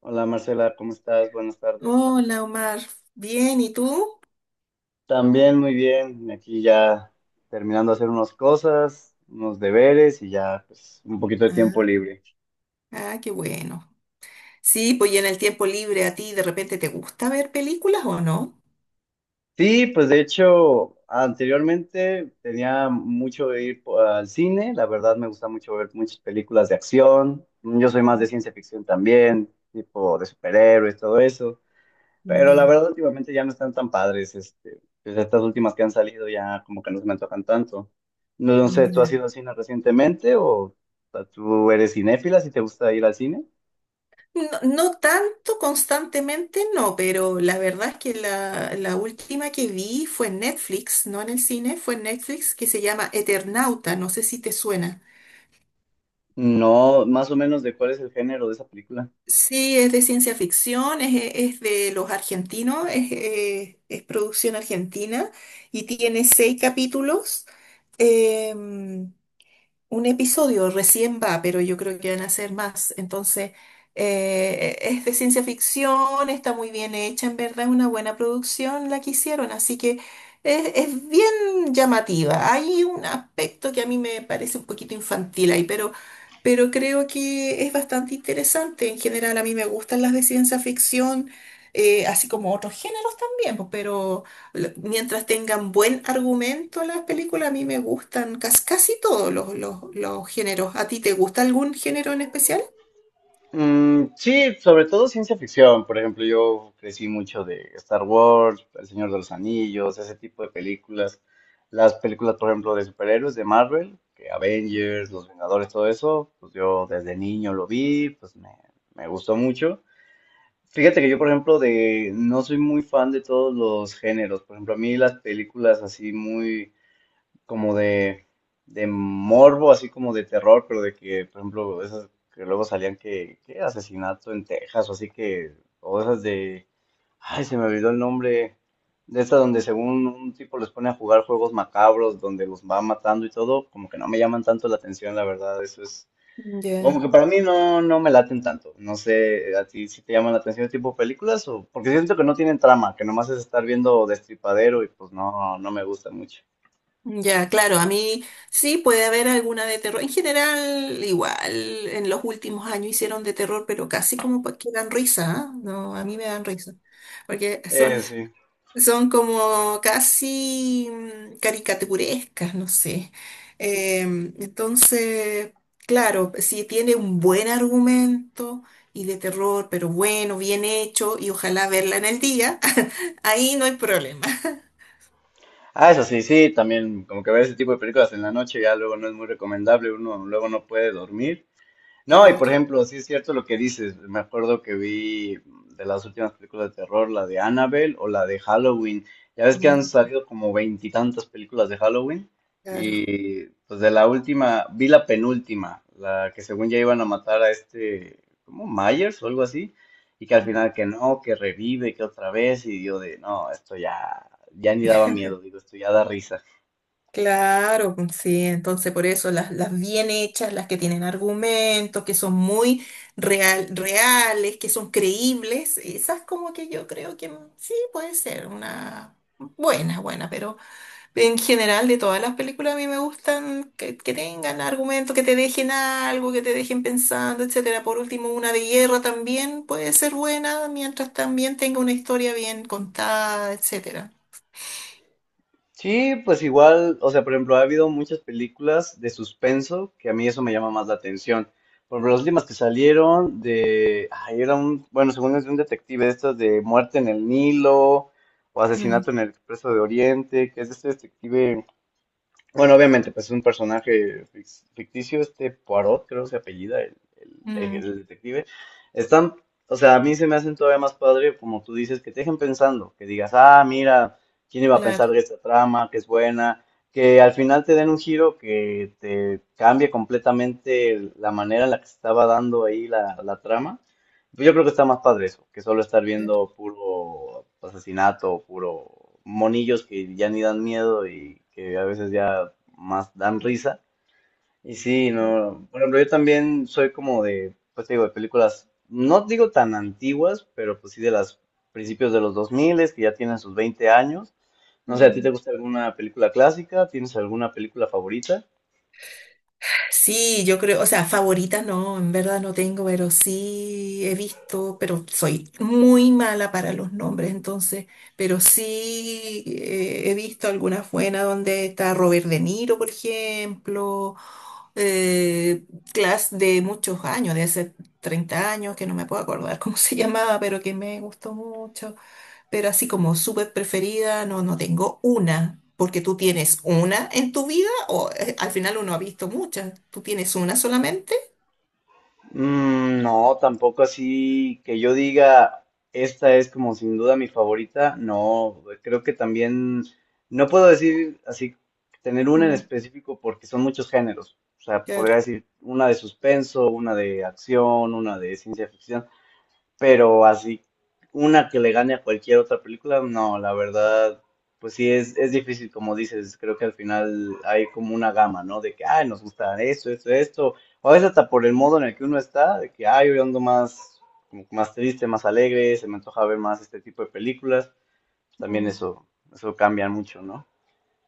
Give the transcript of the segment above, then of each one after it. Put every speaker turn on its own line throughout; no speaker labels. Hola Marcela, ¿cómo estás? Buenas tardes.
Hola Omar, bien, ¿y tú?
También muy bien, aquí ya terminando de hacer unas cosas, unos deberes y ya pues un poquito de tiempo
Ah,
libre.
ah, qué bueno. Sí, pues y en el tiempo libre a ti de repente te gusta ver películas o no?
Sí, pues de hecho anteriormente tenía mucho de ir al cine, la verdad me gusta mucho ver muchas películas de acción, yo soy más de ciencia ficción también, tipo de superhéroes, todo eso. Pero la
Ya,
verdad, últimamente ya no están tan padres. Pues estas últimas que han salido ya como que no se me antojan tanto. No, no sé, ¿tú has
ya.
ido al cine recientemente o sea, tú eres cinéfila si te gusta ir al cine?
No, no tanto constantemente, no, pero la verdad es que la última que vi fue en Netflix, no en el cine, fue en Netflix, que se llama Eternauta, no sé si te suena.
No, más o menos de cuál es el género de esa película.
Sí, es de ciencia ficción, es de los argentinos, es producción argentina y tiene 6 capítulos. Em, un episodio recién va, pero yo creo que van a ser más. Entonces, es de ciencia ficción, está muy bien hecha, en verdad es una buena producción la que hicieron, así que es bien llamativa. Hay un aspecto que a mí me parece un poquito infantil ahí, pero creo que es bastante interesante. En general, a mí me gustan las de ciencia ficción, así como otros géneros también, pues, pero mientras tengan buen argumento las películas, a mí me gustan casi todos los géneros. ¿A ti te gusta algún género en especial?
Mm, sí, sobre todo ciencia ficción. Por ejemplo, yo crecí mucho de Star Wars, El Señor de los Anillos, ese tipo de películas. Las películas, por ejemplo, de superhéroes de Marvel, que Avengers, Los Vengadores, todo eso, pues yo desde niño lo vi, me gustó mucho. Fíjate que yo, por ejemplo, de no soy muy fan de todos los géneros. Por ejemplo, a mí las películas así muy como de, de morbo, así como de terror, pero de que, por ejemplo, esas que luego salían que asesinato en Texas o así que, o esas de, ay, se me olvidó el nombre, de estas donde según un tipo les pone a jugar juegos macabros, donde los va matando y todo, como que no me llaman tanto la atención, la verdad, eso es, como
Ya.
que para mí no, no me laten tanto, no sé, a ti si te llaman la atención ese tipo de películas, o, porque siento que no tienen trama, que nomás es estar viendo destripadero y pues no, no me gusta mucho.
Ya, claro, a mí sí puede haber alguna de terror. En general, igual, en los últimos años hicieron de terror, pero casi como que dan risa, ¿ah? No, a mí me dan risa, porque son.
Sí.
Son como casi caricaturescas, no sé. Entonces, claro, si tiene un buen argumento y de terror, pero bueno, bien hecho, y ojalá verla en el día, ahí no hay problema.
Ah, eso sí, sí, también como que ver ese tipo de películas en la noche ya luego no es muy recomendable, uno luego no puede dormir no, y
Claro,
por ejemplo, sí es cierto lo que dices. Me acuerdo que vi de las últimas películas de terror, la de Annabelle o la de Halloween. Ya ves que han
mm,
salido como veintitantas películas de Halloween.
claro.
Y pues de la última, vi la penúltima, la que según ya iban a matar a este, como Myers o algo así. Y que al final que no, que revive, que otra vez. Y yo de, no, esto ya, ya ni daba miedo, digo, esto ya da risa.
Claro, pues, sí, entonces por eso las bien hechas, las que tienen argumentos, que son muy reales, que son creíbles, esas como que yo creo que sí puede ser una buena, pero en general de todas las películas a mí me gustan que tengan argumentos, que te dejen algo, que te dejen pensando, etcétera. Por último, una de guerra también puede ser buena mientras también tenga una historia bien contada, etcétera.
Sí, pues igual, o sea, por ejemplo, ha habido muchas películas de suspenso que a mí eso me llama más la atención. Por ejemplo, las últimas que salieron de, ay, era un, bueno, según es de un detective, estas de Muerte en el Nilo o
Mm,
Asesinato en el Expreso de Oriente, que es de este detective bueno, obviamente, pues es un personaje ficticio, este Poirot, creo que se apellida,
mm,
el detective. Están, o sea, a mí se me hacen todavía más padre, como tú dices, que te dejen pensando, que digas, ah, mira, ¿quién iba a
claro.
pensar de esta trama, que es buena? Que al final te den un giro que te cambie completamente la manera en la que se estaba dando ahí la trama. Yo creo que está más padre eso, que solo estar
Claro.
viendo puro asesinato, puro monillos que ya ni dan miedo y que a veces ya más dan risa. Y sí, no, por ejemplo, yo también soy como de, pues te digo, de películas, no digo tan antiguas, pero pues sí de las principios de los 2000, que ya tienen sus 20 años. No sé, ¿a ti te
Mm.
gusta alguna película clásica? ¿Tienes alguna película favorita?
Sí, yo creo, o sea, favorita no, en verdad no tengo, pero sí he visto, pero soy muy mala para los nombres, entonces, pero sí he visto algunas buenas donde está Robert De Niro, por ejemplo, eh, Class de muchos años, de hace 30 años, que no me puedo acordar cómo se llamaba, pero que me gustó mucho, pero así como súper preferida, no, no tengo una, porque tú tienes una en tu vida o al final uno ha visto muchas, tú tienes una solamente.
Mm, no, tampoco así que yo diga, esta es como sin duda mi favorita. No, creo que también, no puedo decir así, tener una en
Mm.
específico porque son muchos géneros. O sea, podría
Claro.
decir una de suspenso, una de acción, una de ciencia ficción. Pero así, una que le gane a cualquier otra película, no, la verdad, pues sí, es difícil, como dices, creo que al final hay como una gama, ¿no? De que, ay, nos gusta esto, esto, esto, o a veces hasta por el modo en el que uno está, de que, ay, hoy ando más, como que más triste, más alegre, se me antoja ver más este tipo de películas, también
Mm,
eso cambia mucho, ¿no?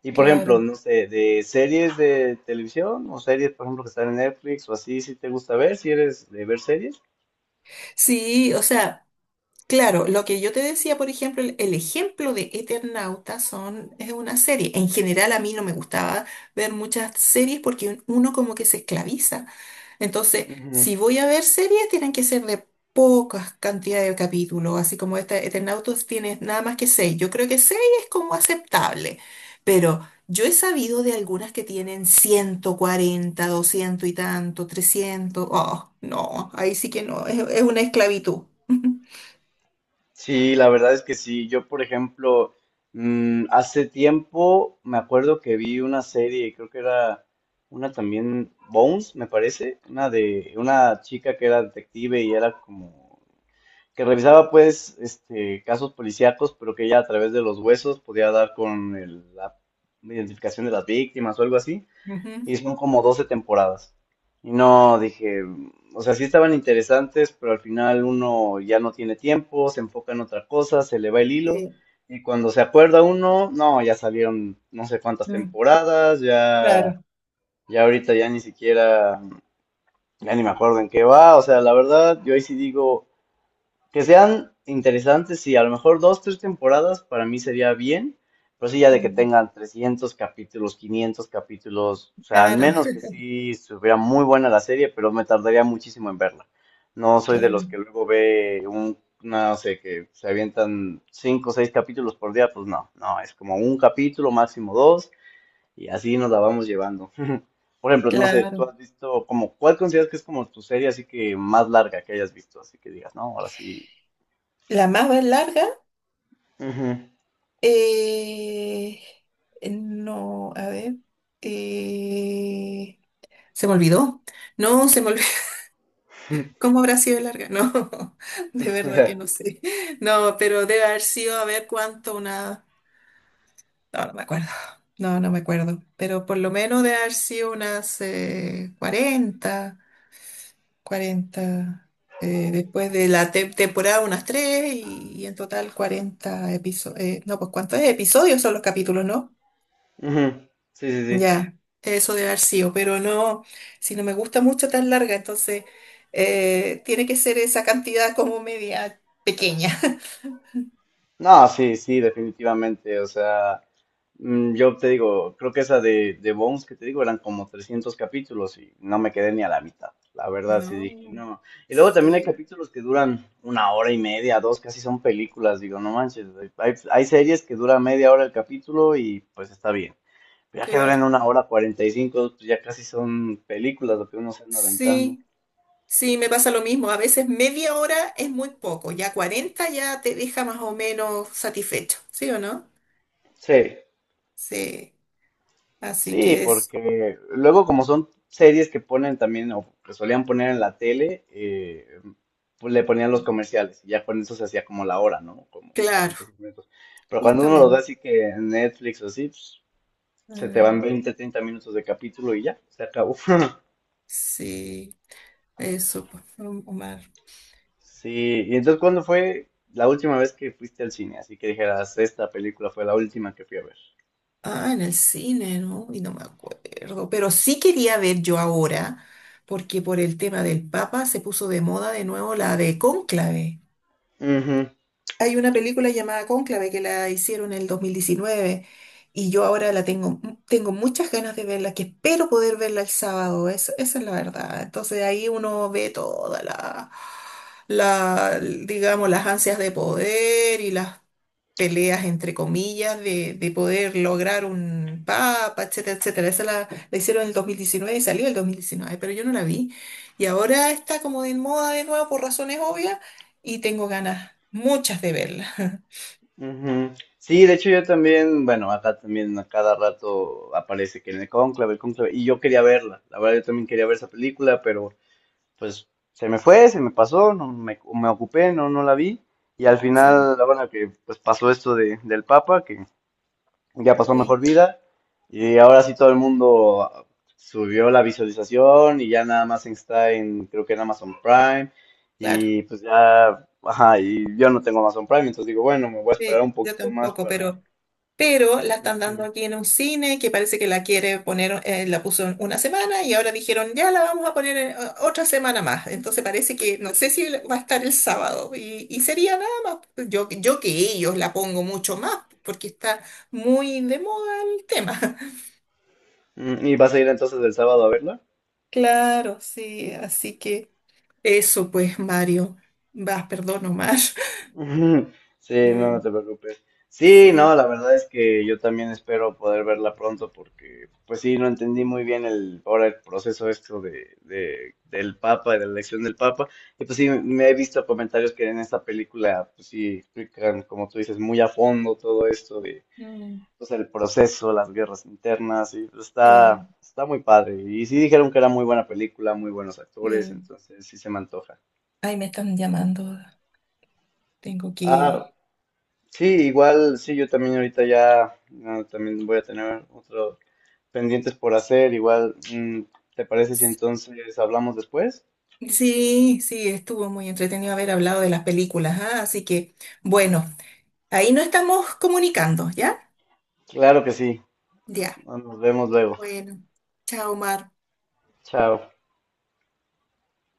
Y por ejemplo,
claro.
no sé, de series de televisión o series, por ejemplo, que están en Netflix o así, si te gusta ver, si eres de ver series.
Sí, o sea, claro, lo que yo te decía, por ejemplo, el ejemplo de Eternauta son, es una serie. En general a mí no me gustaba ver muchas series porque uno como que se esclaviza. Entonces, si voy a ver series, tienen que ser de pocas cantidades de capítulos, así como esta Eternautos tiene nada más que seis. Yo creo que seis es como aceptable, pero yo he sabido de algunas que tienen 140, 200 y tanto, 300. Oh, no, ahí sí que no, es una esclavitud.
Sí, la verdad es que sí. Yo, por ejemplo, hace tiempo me acuerdo que vi una serie, creo que era una también, Bones, me parece, una de una chica que era detective y era como que revisaba pues este casos policíacos, pero que ella a través de los huesos podía dar con la identificación de las víctimas o algo así y
Ujú.
son como 12 temporadas. Y no, dije, o sea, sí estaban interesantes, pero al final uno ya no tiene tiempo, se enfoca en otra cosa, se le va el hilo,
Sí,
y cuando se acuerda uno, no, ya salieron no sé cuántas
mm,
temporadas, ya,
claro,
ya ahorita ya ni siquiera, ya ni me acuerdo en qué va, o sea, la verdad, yo ahí sí digo, que sean interesantes, sí, a lo mejor dos, tres temporadas para mí sería bien, pero sí ya de que
mm,
tengan 300 capítulos, 500 capítulos, o sea, al
claro.
menos que sí estuviera muy buena la serie, pero me tardaría muchísimo en verla. No soy de los
Claro,
que luego ve un, no sé, que se avientan cinco o seis capítulos por día, pues no, no, es como un capítulo, máximo dos, y así nos la vamos llevando. Por ejemplo, no sé, tú
claro.
has visto como, ¿cuál consideras que es como tu serie así que más larga que hayas visto? Así que digas, no, ahora sí,
La más larga.
Ujú.
Eh, no, a ver. eh, Se me olvidó. No, se me olvidó. ¿Cómo habrá sido larga? No, de verdad que no sé. No, pero debe haber sido, a ver cuánto, una... No, no me acuerdo. No, no me acuerdo. Pero por lo menos debe haber sido unas 40. 40, después de la temporada unas 3 y en total 40 episodios. No, pues ¿cuántos episodios son los capítulos, no?
Ujú. Sí, sí, sí.
Ya, eso debe haber sido, pero no, si no me gusta mucho tan larga, entonces tiene que ser esa cantidad como media pequeña.
No, sí, sí, definitivamente. O sea, yo te digo, creo que esa de Bones que te digo eran como 300 capítulos y no me quedé ni a la mitad. La verdad, sí dije,
No,
no. Y luego también hay
sí,
capítulos que duran una hora y media, dos, casi son películas. Digo, no manches, hay series que duran media hora el capítulo y pues está bien. Pero ya que
claro.
duran una hora 45, pues ya casi son películas
Uh.
lo que uno se anda aventando.
Sí, sí, me pasa lo mismo. A veces media hora es muy poco, ya 40 ya te deja más o menos satisfecho, ¿sí o no?
Sí.
Sí, así
Sí,
que es,
porque luego como son series que ponen también o que solían poner en la tele, pues le ponían los comerciales y ya con eso se hacía como la hora, ¿no? Como
claro,
45 minutos. Pero cuando uno lo ve
justamente.
así que en Netflix o así, pues, se te
Ah,
van 20, 30 minutos de capítulo y ya, se acabó.
sí, eso, pues, Omar.
Sí, y entonces ¿cuándo fue la última vez que fuiste al cine? Así que dijeras, esta película fue la última que fui a ver.
Ah, en el cine, ¿no? Y no me acuerdo. Pero sí quería ver yo ahora, porque por el tema del Papa se puso de moda de nuevo la de Cónclave.
Ujú.
Hay una película llamada Cónclave que la hicieron en el 2019 y yo ahora la tengo, tengo muchas ganas de verla, que espero poder verla el sábado, esa es la verdad. Entonces ahí uno ve toda la, digamos, las ansias de poder y las peleas entre comillas de poder lograr un papa, etcétera, etcétera. Esa la hicieron en el 2019 y salió en el 2019, pero yo no la vi. Y ahora está como de moda de nuevo por razones obvias y tengo ganas, muchas de verla.
Ujú. Sí, de hecho yo también, bueno, acá también a cada rato aparece que en el cónclave, y yo quería verla, la verdad yo también quería ver esa película, pero pues se me fue, se me pasó, no me, me ocupé, no, no la vi, y al
Sí,
final, bueno, que pues pasó esto de, del Papa, que ya pasó a
sí,
mejor vida y ahora sí todo el mundo subió la visualización y ya nada más está en, creo que en Amazon Prime
claro.
y pues ya, ajá, y yo no tengo Amazon Prime, entonces digo, bueno, me voy a esperar
Sí,
un
yo
poquito más
tampoco,
para...
pero la están dando
Ujú.
aquí en un cine que parece que la quiere poner, la puso en una semana y ahora dijeron, ya la vamos a poner en, otra semana más. Entonces parece que, no sé si va a estar el sábado y sería nada más, yo que ellos la pongo mucho más porque está muy de moda el tema.
Mm, ¿y vas a ir entonces el sábado a verla?
Claro, sí, así que eso pues, Mario, vas, perdón, Omar.
Sí, no, no
Mm,
te preocupes. Sí,
sí,
no, la verdad es que yo también espero poder verla pronto porque, pues sí, no entendí muy bien el, ahora el proceso esto de, del Papa, de la elección del Papa. Y pues sí, me he visto comentarios que en esta película, pues sí, explican, como tú dices, muy a fondo todo esto de,
mm,
pues el proceso, las guerras internas, y pues,
sí,
está, está muy padre. Y sí dijeron que era muy buena película, muy buenos actores,
bien.
entonces sí se me antoja.
Ay, me están llamando, tengo
Ah,
que...
sí, igual, sí, yo también ahorita ya ah, también voy a tener otros pendientes por hacer. Igual, ¿te parece si entonces hablamos después?
Sí, sí, estuvo muy entretenido haber hablado de las películas, ah, así que, bueno, ahí nos estamos comunicando, ¿ya?
Claro que sí.
Ya,
Nos vemos luego.
bueno, chao, Mar.
Chao.